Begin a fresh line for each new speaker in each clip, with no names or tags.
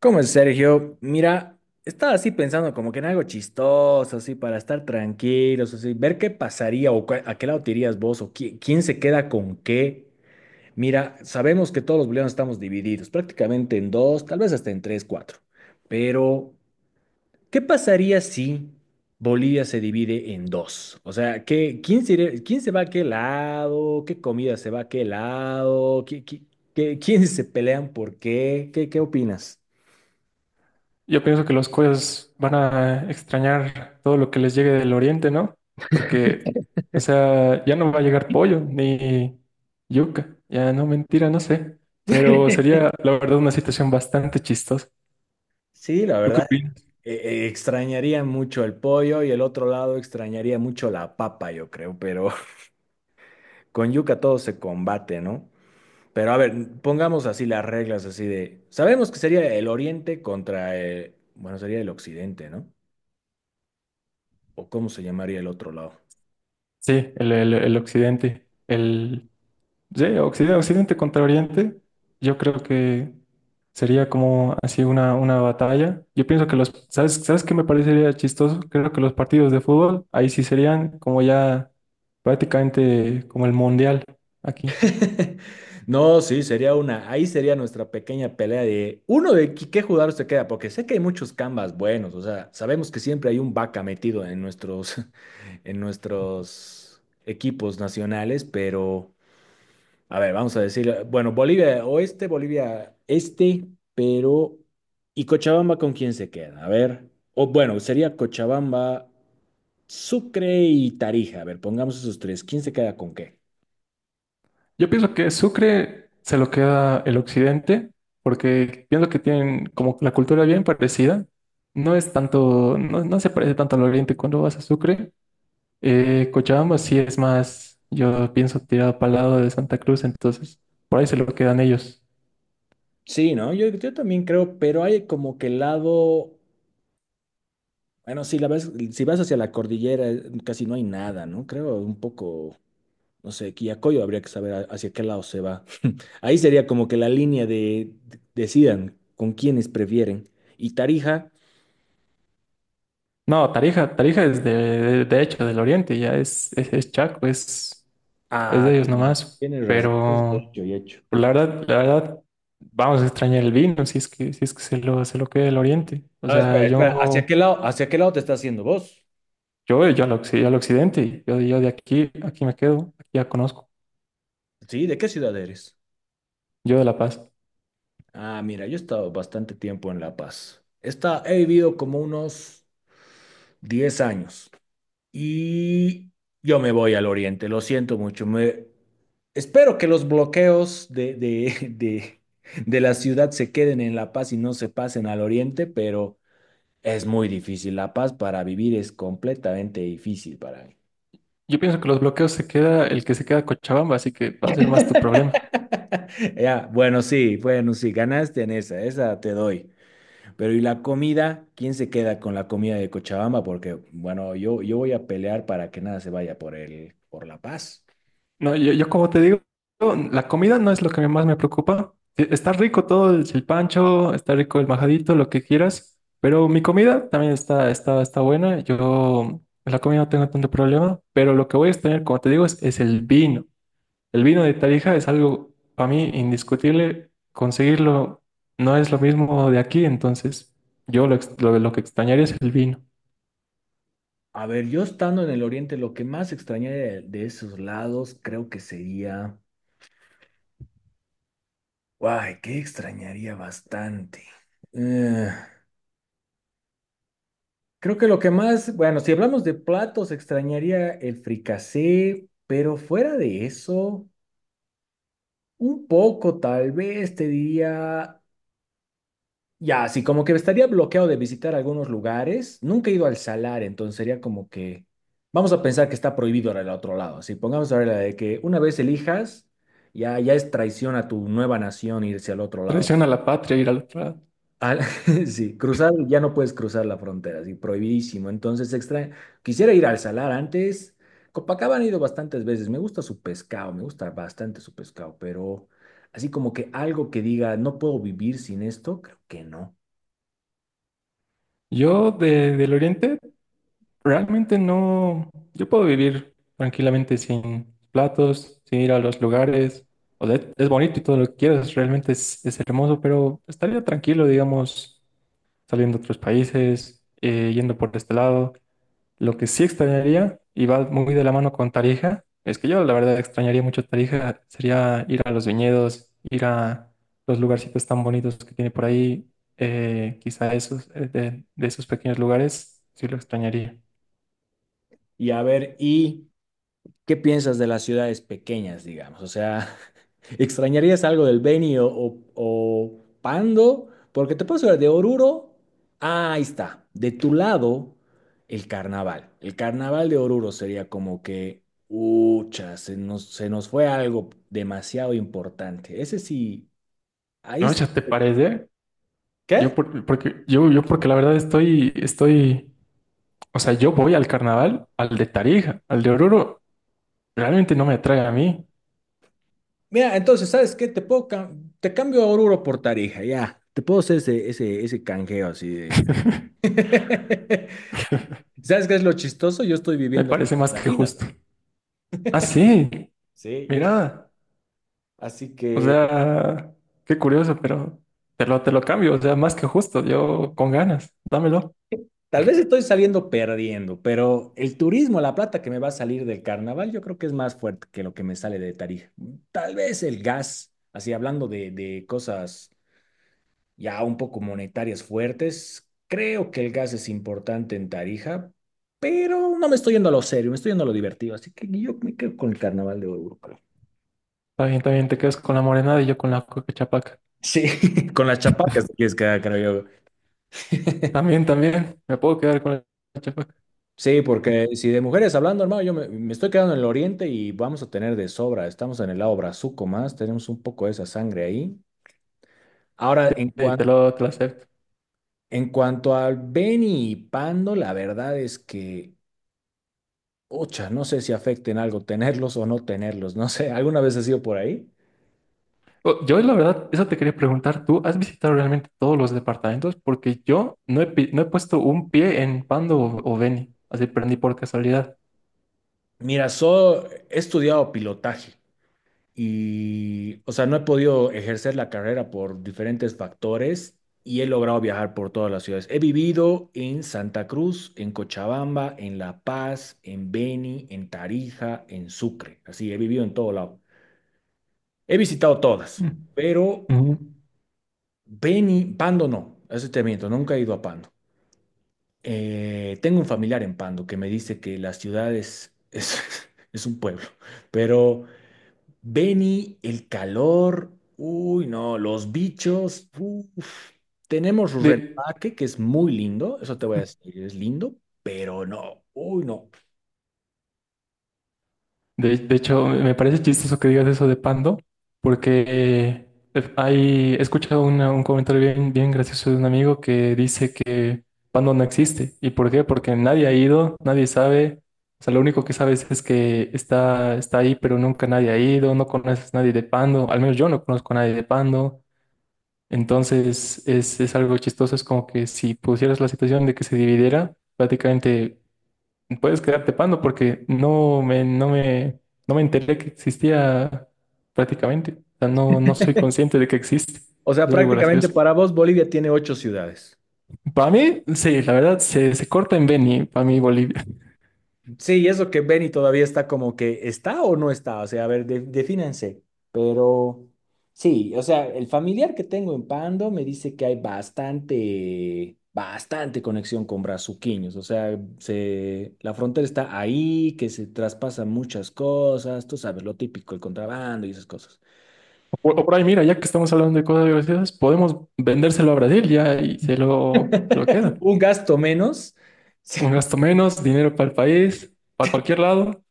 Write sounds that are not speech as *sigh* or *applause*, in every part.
¿Cómo es, Sergio? Mira, estaba así pensando como que en algo chistoso, así, para estar tranquilos, así, ver qué pasaría o a qué lado te irías vos o quién se queda con qué. Mira, sabemos que todos los bolivianos estamos divididos, prácticamente en dos, tal vez hasta en tres, cuatro. Pero, ¿qué pasaría si Bolivia se divide en dos? O sea, ¿qué, quién se, quién se va a qué lado? ¿Qué comida se va a qué lado? ¿ Quiénes se pelean por qué? ¿Qué, qué opinas?
Yo pienso que los coreanos van a extrañar todo lo que les llegue del oriente, ¿no? Porque, o sea, ya no va a llegar pollo ni yuca, ya no, mentira, no sé. Pero sería, la verdad, una situación bastante chistosa.
Sí, la
¿Tú qué
verdad,
opinas?
eh, extrañaría mucho el pollo y el otro lado extrañaría mucho la papa, yo creo, pero *laughs* con yuca todo se combate, ¿no? Pero a ver, pongamos así las reglas, así de, sabemos que sería el oriente contra, bueno, sería el occidente, ¿no? ¿O cómo se llamaría el otro lado?
Sí, el occidente, el, sí, Occidente, Occidente contra Oriente, yo creo que sería como así una batalla. Yo pienso que los, ¿sabes, sabes qué me parecería chistoso? Creo que los partidos de fútbol ahí sí serían como ya prácticamente como el mundial aquí.
*laughs* No, sí, sería una. Ahí sería nuestra pequeña pelea de uno de qué jugador se queda, porque sé que hay muchos Canvas buenos, o sea, sabemos que siempre hay un vaca metido en nuestros, *laughs* en nuestros equipos nacionales, pero a ver, vamos a decir, bueno, Bolivia Oeste, Bolivia Este, pero ¿y Cochabamba con quién se queda? A ver, o bueno, sería Cochabamba, Sucre y Tarija. A ver, pongamos esos tres. ¿Quién se queda con qué?
Yo pienso que Sucre se lo queda el Occidente porque pienso que tienen como la cultura bien parecida. No es tanto, no, no se parece tanto al Oriente cuando vas a Sucre. Cochabamba sí es más, yo pienso tirado para el lado de Santa Cruz, entonces por ahí se lo quedan ellos.
Sí, ¿no? Yo también creo, pero hay como que el lado, bueno, si la ves, si vas hacia la cordillera, casi no hay nada, ¿no? Creo un poco, no sé, Quillacollo habría que saber hacia qué lado se va. *laughs* Ahí sería como que la línea de decidan con quiénes prefieren. Y Tarija,
No, Tarija, Tarija es de hecho del oriente, ya es Chaco, es
ah,
de ellos nomás.
tienes razón. Es
Pero
hecho y hecho.
pues, la verdad, vamos a extrañar el vino si es que, si es que se lo queda el oriente. O
Ah, espera,
sea,
espera,
yo,
hacia qué lado te estás haciendo vos?
yo, yo al, occ- al occidente, yo de aquí, aquí me quedo, aquí ya conozco,
Sí, ¿de qué ciudad eres?
yo de La Paz.
Ah, mira, yo he estado bastante tiempo en La Paz. Está, he vivido como unos 10 años. Y yo me voy al oriente, lo siento mucho. Me... Espero que los bloqueos de la ciudad se queden en La Paz y no se pasen al oriente, pero es muy difícil. La Paz para vivir es completamente difícil para mí.
Yo pienso que los bloqueos se queda, el que se queda Cochabamba, así que va a ser más tu problema.
*laughs* Ya, bueno, sí, bueno, sí, ganaste en esa, esa te doy. Pero ¿y la comida? ¿Quién se queda con la comida de Cochabamba? Porque, bueno, yo voy a pelear para que nada se vaya por el, por La Paz.
No, yo como te digo, la comida no es lo que más me preocupa. E- Está rico todo el chilpancho, está rico el majadito, lo que quieras, pero mi comida también está, está, está buena. Yo en la comida no tengo tanto problema, pero lo que voy a extrañar, como te digo, es el vino. El vino de Tarija es algo para mí indiscutible. Conseguirlo no es lo mismo de aquí, entonces yo lo, ex- lo que extrañaría es el vino.
A ver, yo estando en el oriente, lo que más extrañaría de esos lados creo que sería... ¡Ay, qué extrañaría bastante! Eh, creo que lo que más... Bueno, si hablamos de platos, extrañaría el fricasé, pero fuera de eso, un poco tal vez te diría ya, así como que estaría bloqueado de visitar algunos lugares. Nunca he ido al salar, entonces sería como que. Vamos a pensar que está prohibido ahora el otro lado. Si pongamos ahora la de que una vez elijas, ya, ya es traición a tu nueva nación irse al otro lado.
Traición a la patria, ir al otro lado.
Al- *laughs* sí, cruzar, ya no puedes cruzar la frontera, sí, prohibidísimo. Entonces, extra... quisiera ir al salar antes. Copacabana he ido bastantes veces. Me gusta su pescado, me gusta bastante su pescado, pero así como que algo que diga, no puedo vivir sin esto, creo que no.
Yo de, del Oriente realmente no, yo puedo vivir tranquilamente sin platos, sin ir a los lugares. O sea, es bonito y todo lo que quieras, realmente es hermoso, pero estaría tranquilo, digamos, saliendo a otros países, yendo por este lado. Lo que sí extrañaría, y va muy de la mano con Tarija, es que yo la verdad extrañaría mucho Tarija, sería ir a los viñedos, ir a los lugarcitos tan bonitos que tiene por ahí, quizá esos, de esos pequeños lugares, sí lo extrañaría.
Y a ver, ¿y qué piensas de las ciudades pequeñas, digamos? O sea, *laughs* ¿extrañarías algo del Beni o, o Pando? Porque te puedo hablar de Oruro. Ah, ahí está. De tu lado, el carnaval. El carnaval de Oruro sería como que, ucha, se nos fue algo demasiado importante. Ese sí, ahí
No,
sí.
ya te parece. Yo
¿Qué?
por- porque yo porque la verdad estoy, estoy, o sea, yo voy al carnaval, al de Tarija, al de Oruro, realmente no me atrae a mí.
Mira, entonces, ¿sabes qué? Te puedo te cambio a Oruro por Tarija, ya. Te puedo hacer ese, ese, ese canjeo así de...
*laughs*
*laughs* ¿Sabes qué es lo chistoso? Yo estoy
Me
viviendo
parece
ahorita en
más que
Tarija.
justo. Ah, sí,
Sí, yo estoy-
mira.
Así
O
que
sea, qué curioso, pero te lo cambio, o sea, más que justo, yo con ganas, dámelo.
tal vez estoy saliendo perdiendo, pero el turismo, la plata que me va a salir del carnaval, yo creo que es más fuerte que lo que me sale de Tarija. Tal vez el gas, así hablando de cosas ya un poco monetarias fuertes, creo que el gas es importante en Tarija, pero no me estoy yendo a lo serio, me estoy yendo a lo divertido, así que yo me quedo con el carnaval de Oruro, creo.
También, también te quedas con la morenada y yo con la coca chapaca.
Sí, *laughs* con las chapacas te quieres quedar, creo yo.
También, también, me puedo quedar con la chapaca.
Sí, porque si de mujeres hablando, hermano, yo me, me estoy quedando en el oriente y vamos a tener de sobra. Estamos en el lado brazuco más, tenemos un poco de esa sangre ahí. Ahora,
Sí, te lo acepto.
en cuanto al Beni y Pando, la verdad es que, ocha, no sé si afecten algo tenerlos o no tenerlos, no sé, ¿alguna vez has sido por ahí?
O- Yo, la verdad, eso te quería preguntar, ¿tú has visitado realmente todos los departamentos? Porque yo no he, pi- no he puesto un pie en Pando o Beni, así prendí por casualidad.
Mira, he estudiado pilotaje. Y, o sea, no he podido ejercer la carrera por diferentes factores y he logrado viajar por todas las ciudades. He vivido en Santa Cruz, en Cochabamba, en La Paz, en Beni, en Tarija, en Sucre. Así, he vivido en todo lado. He visitado todas,
Mm.
pero
Ujú.
Beni, Pando no, eso te miento, nunca he ido a Pando. Tengo un familiar en Pando que me dice que las ciudades es, *laughs* es un pueblo, pero... Benny, el calor, uy, no, los bichos, uf. Tenemos
De,
Rurrenabaque, que es muy lindo, eso te voy a decir, es lindo, pero no, uy, no.
de hecho, me parece chistoso que digas eso de Pando, porque hay, he escuchado una- un comentario bien, bien gracioso de un amigo que dice que Pando no existe. ¿Y por qué? Porque nadie ha ido, nadie sabe. O sea, lo único que sabes es que está, está ahí, pero nunca nadie ha ido, no conoces a nadie de Pando, al menos yo no conozco a nadie de Pando. Entonces, es algo chistoso, es como que si pusieras la situación de que se dividiera, prácticamente puedes quedarte pando porque no me, no me, no me enteré que existía prácticamente. O sea, no, no soy consciente de que existe.
O sea,
Es algo
prácticamente
gracioso.
para vos Bolivia tiene ocho ciudades.
Para mí, sí, la verdad, se corta en Beni, para mí Bolivia.
Sí, y eso que Benny todavía está como que está o no está, o sea, a ver, defínanse. Pero sí, o sea, el familiar que tengo en Pando me dice que hay bastante, bastante conexión con brazuquiños, o sea, se, la frontera está ahí, que se traspasan muchas cosas, tú sabes, lo típico, el contrabando y esas cosas.
O por ahí, mira, ya que estamos hablando de cosas graciosas, podemos vendérselo a Brasil ya y se lo
*laughs*
queda.
Un gasto menos. *laughs* Sí.
Un gasto menos, dinero para el país, para cualquier lado.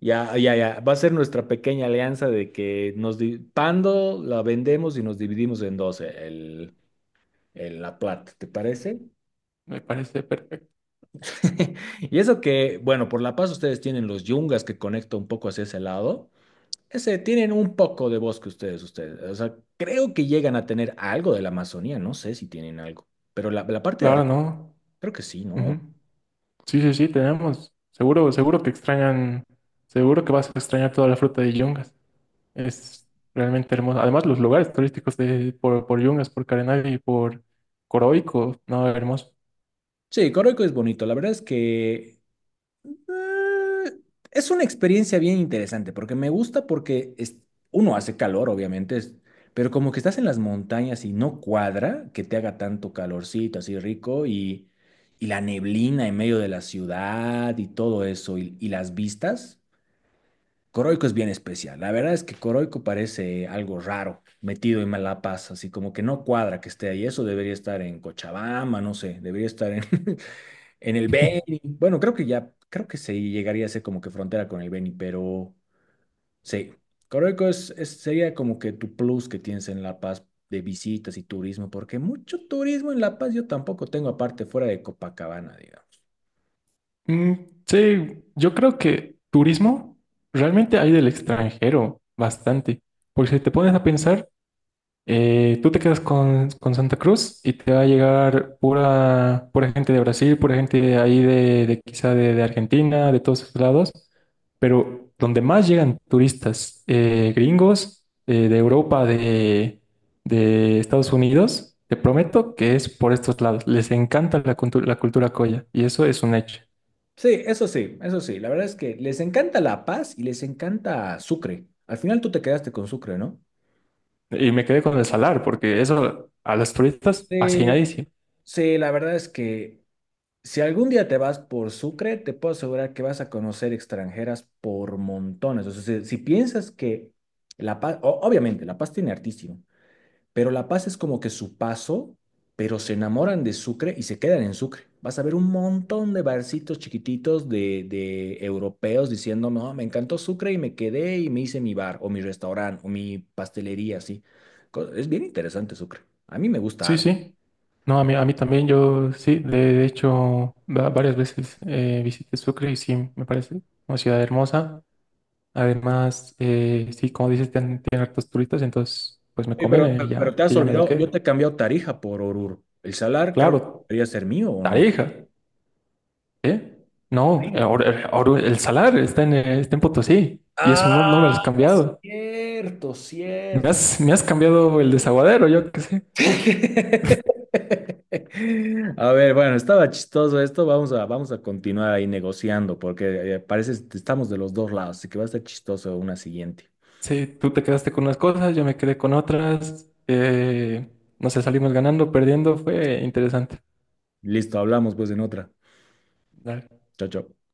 Ya, ya, ya. Va a ser nuestra pequeña alianza de que nos Pando la vendemos y nos dividimos en dos. El, en La Plata, ¿te parece?
Me parece perfecto.
*laughs* Y eso que, bueno, por La Paz ustedes tienen los yungas que conecta un poco hacia ese lado. Ese, tienen un poco de bosque ustedes. O sea, creo que llegan a tener algo de la Amazonía, no sé si tienen algo. Pero la parte de
Claro,
arriba,
¿no?
creo que sí, ¿no?
Ujú. Sí, sí, sí, tenemos. Seguro, seguro que extrañan, seguro que vas a extrañar toda la fruta de Yungas. Es realmente hermoso. Además, los lugares turísticos de, por Yungas, por Carenay y por Coroico, no, hermoso.
Sí, Coroico es bonito. La verdad es que Eh, es una experiencia bien interesante porque me gusta porque uno hace calor, obviamente, pero como que estás en las montañas y no cuadra que te haga tanto calorcito así rico y la neblina en medio de la ciudad y todo eso y las vistas. Coroico es bien especial. La verdad es que Coroico parece algo raro, metido en La Paz, así como que no cuadra que esté ahí. Eso debería estar en Cochabamba, no sé, debería estar en, *laughs* en el Beni, bueno, creo que ya, creo que se llegaría a ser como que frontera con el Beni, pero sí, Coroico es, sería como que tu plus que tienes en La Paz de visitas y turismo, porque mucho turismo en La Paz yo tampoco tengo aparte fuera de Copacabana, digamos.
Mm, sí, yo creo que turismo realmente hay del extranjero bastante. Porque si te pones a pensar, tú te quedas con Santa Cruz y te va a llegar pura, pura gente de Brasil, pura gente de ahí de quizá de Argentina, de todos esos lados, pero donde más llegan turistas gringos, de Europa, de Estados Unidos, te prometo que es por estos lados. Les encanta la, cultu- la cultura coya y eso es un hecho.
Sí, eso sí, eso sí, la verdad es que les encanta La Paz y les encanta Sucre. Al final tú te quedaste con Sucre, ¿no?
Y me quedé con el salar porque eso a los turistas
Sí,
fascinadísimo.
sí, la verdad es que si algún día te vas por Sucre, te puedo asegurar que vas a conocer extranjeras por montones. O sea, si, si piensas que La Paz, obviamente, La Paz tiene artísimo, pero La Paz es como que su paso, pero se enamoran de Sucre y se quedan en Sucre. Vas a ver un montón de barcitos chiquititos de europeos diciendo, no, me encantó Sucre y me quedé y me hice mi bar o mi restaurante o mi pastelería, así. Es bien interesante Sucre. A mí me gusta
Sí,
harto.
sí. No, a mí también, yo sí, de hecho, va- varias veces visité Sucre y sí, me parece una ciudad hermosa. Además, sí, como dices, tienen, tienen hartos turistas, entonces, pues me
Sí,
conviene
pero
ya,
te has
que ya me la
olvidado, yo te
quede.
he cambiado Tarija por Oruro. El salar creo que
Claro,
debería ser mío o no.
Tarija, ¿eh? No,
Sí.
Or- Oru- el Salar está en, está en Potosí y eso no, no me
Ah,
lo has cambiado.
cierto, cierto.
Me has cambiado el desaguadero, yo qué sé.
*laughs* A ver, bueno, estaba chistoso esto. Vamos a, vamos a continuar ahí negociando porque parece que estamos de los dos lados, así que va a estar chistoso una siguiente.
Sí, tú te quedaste con unas cosas, yo me quedé con otras. No sé, salimos ganando, perdiendo, fue interesante.
Listo, hablamos pues en otra.
Dale.
Chao, chao.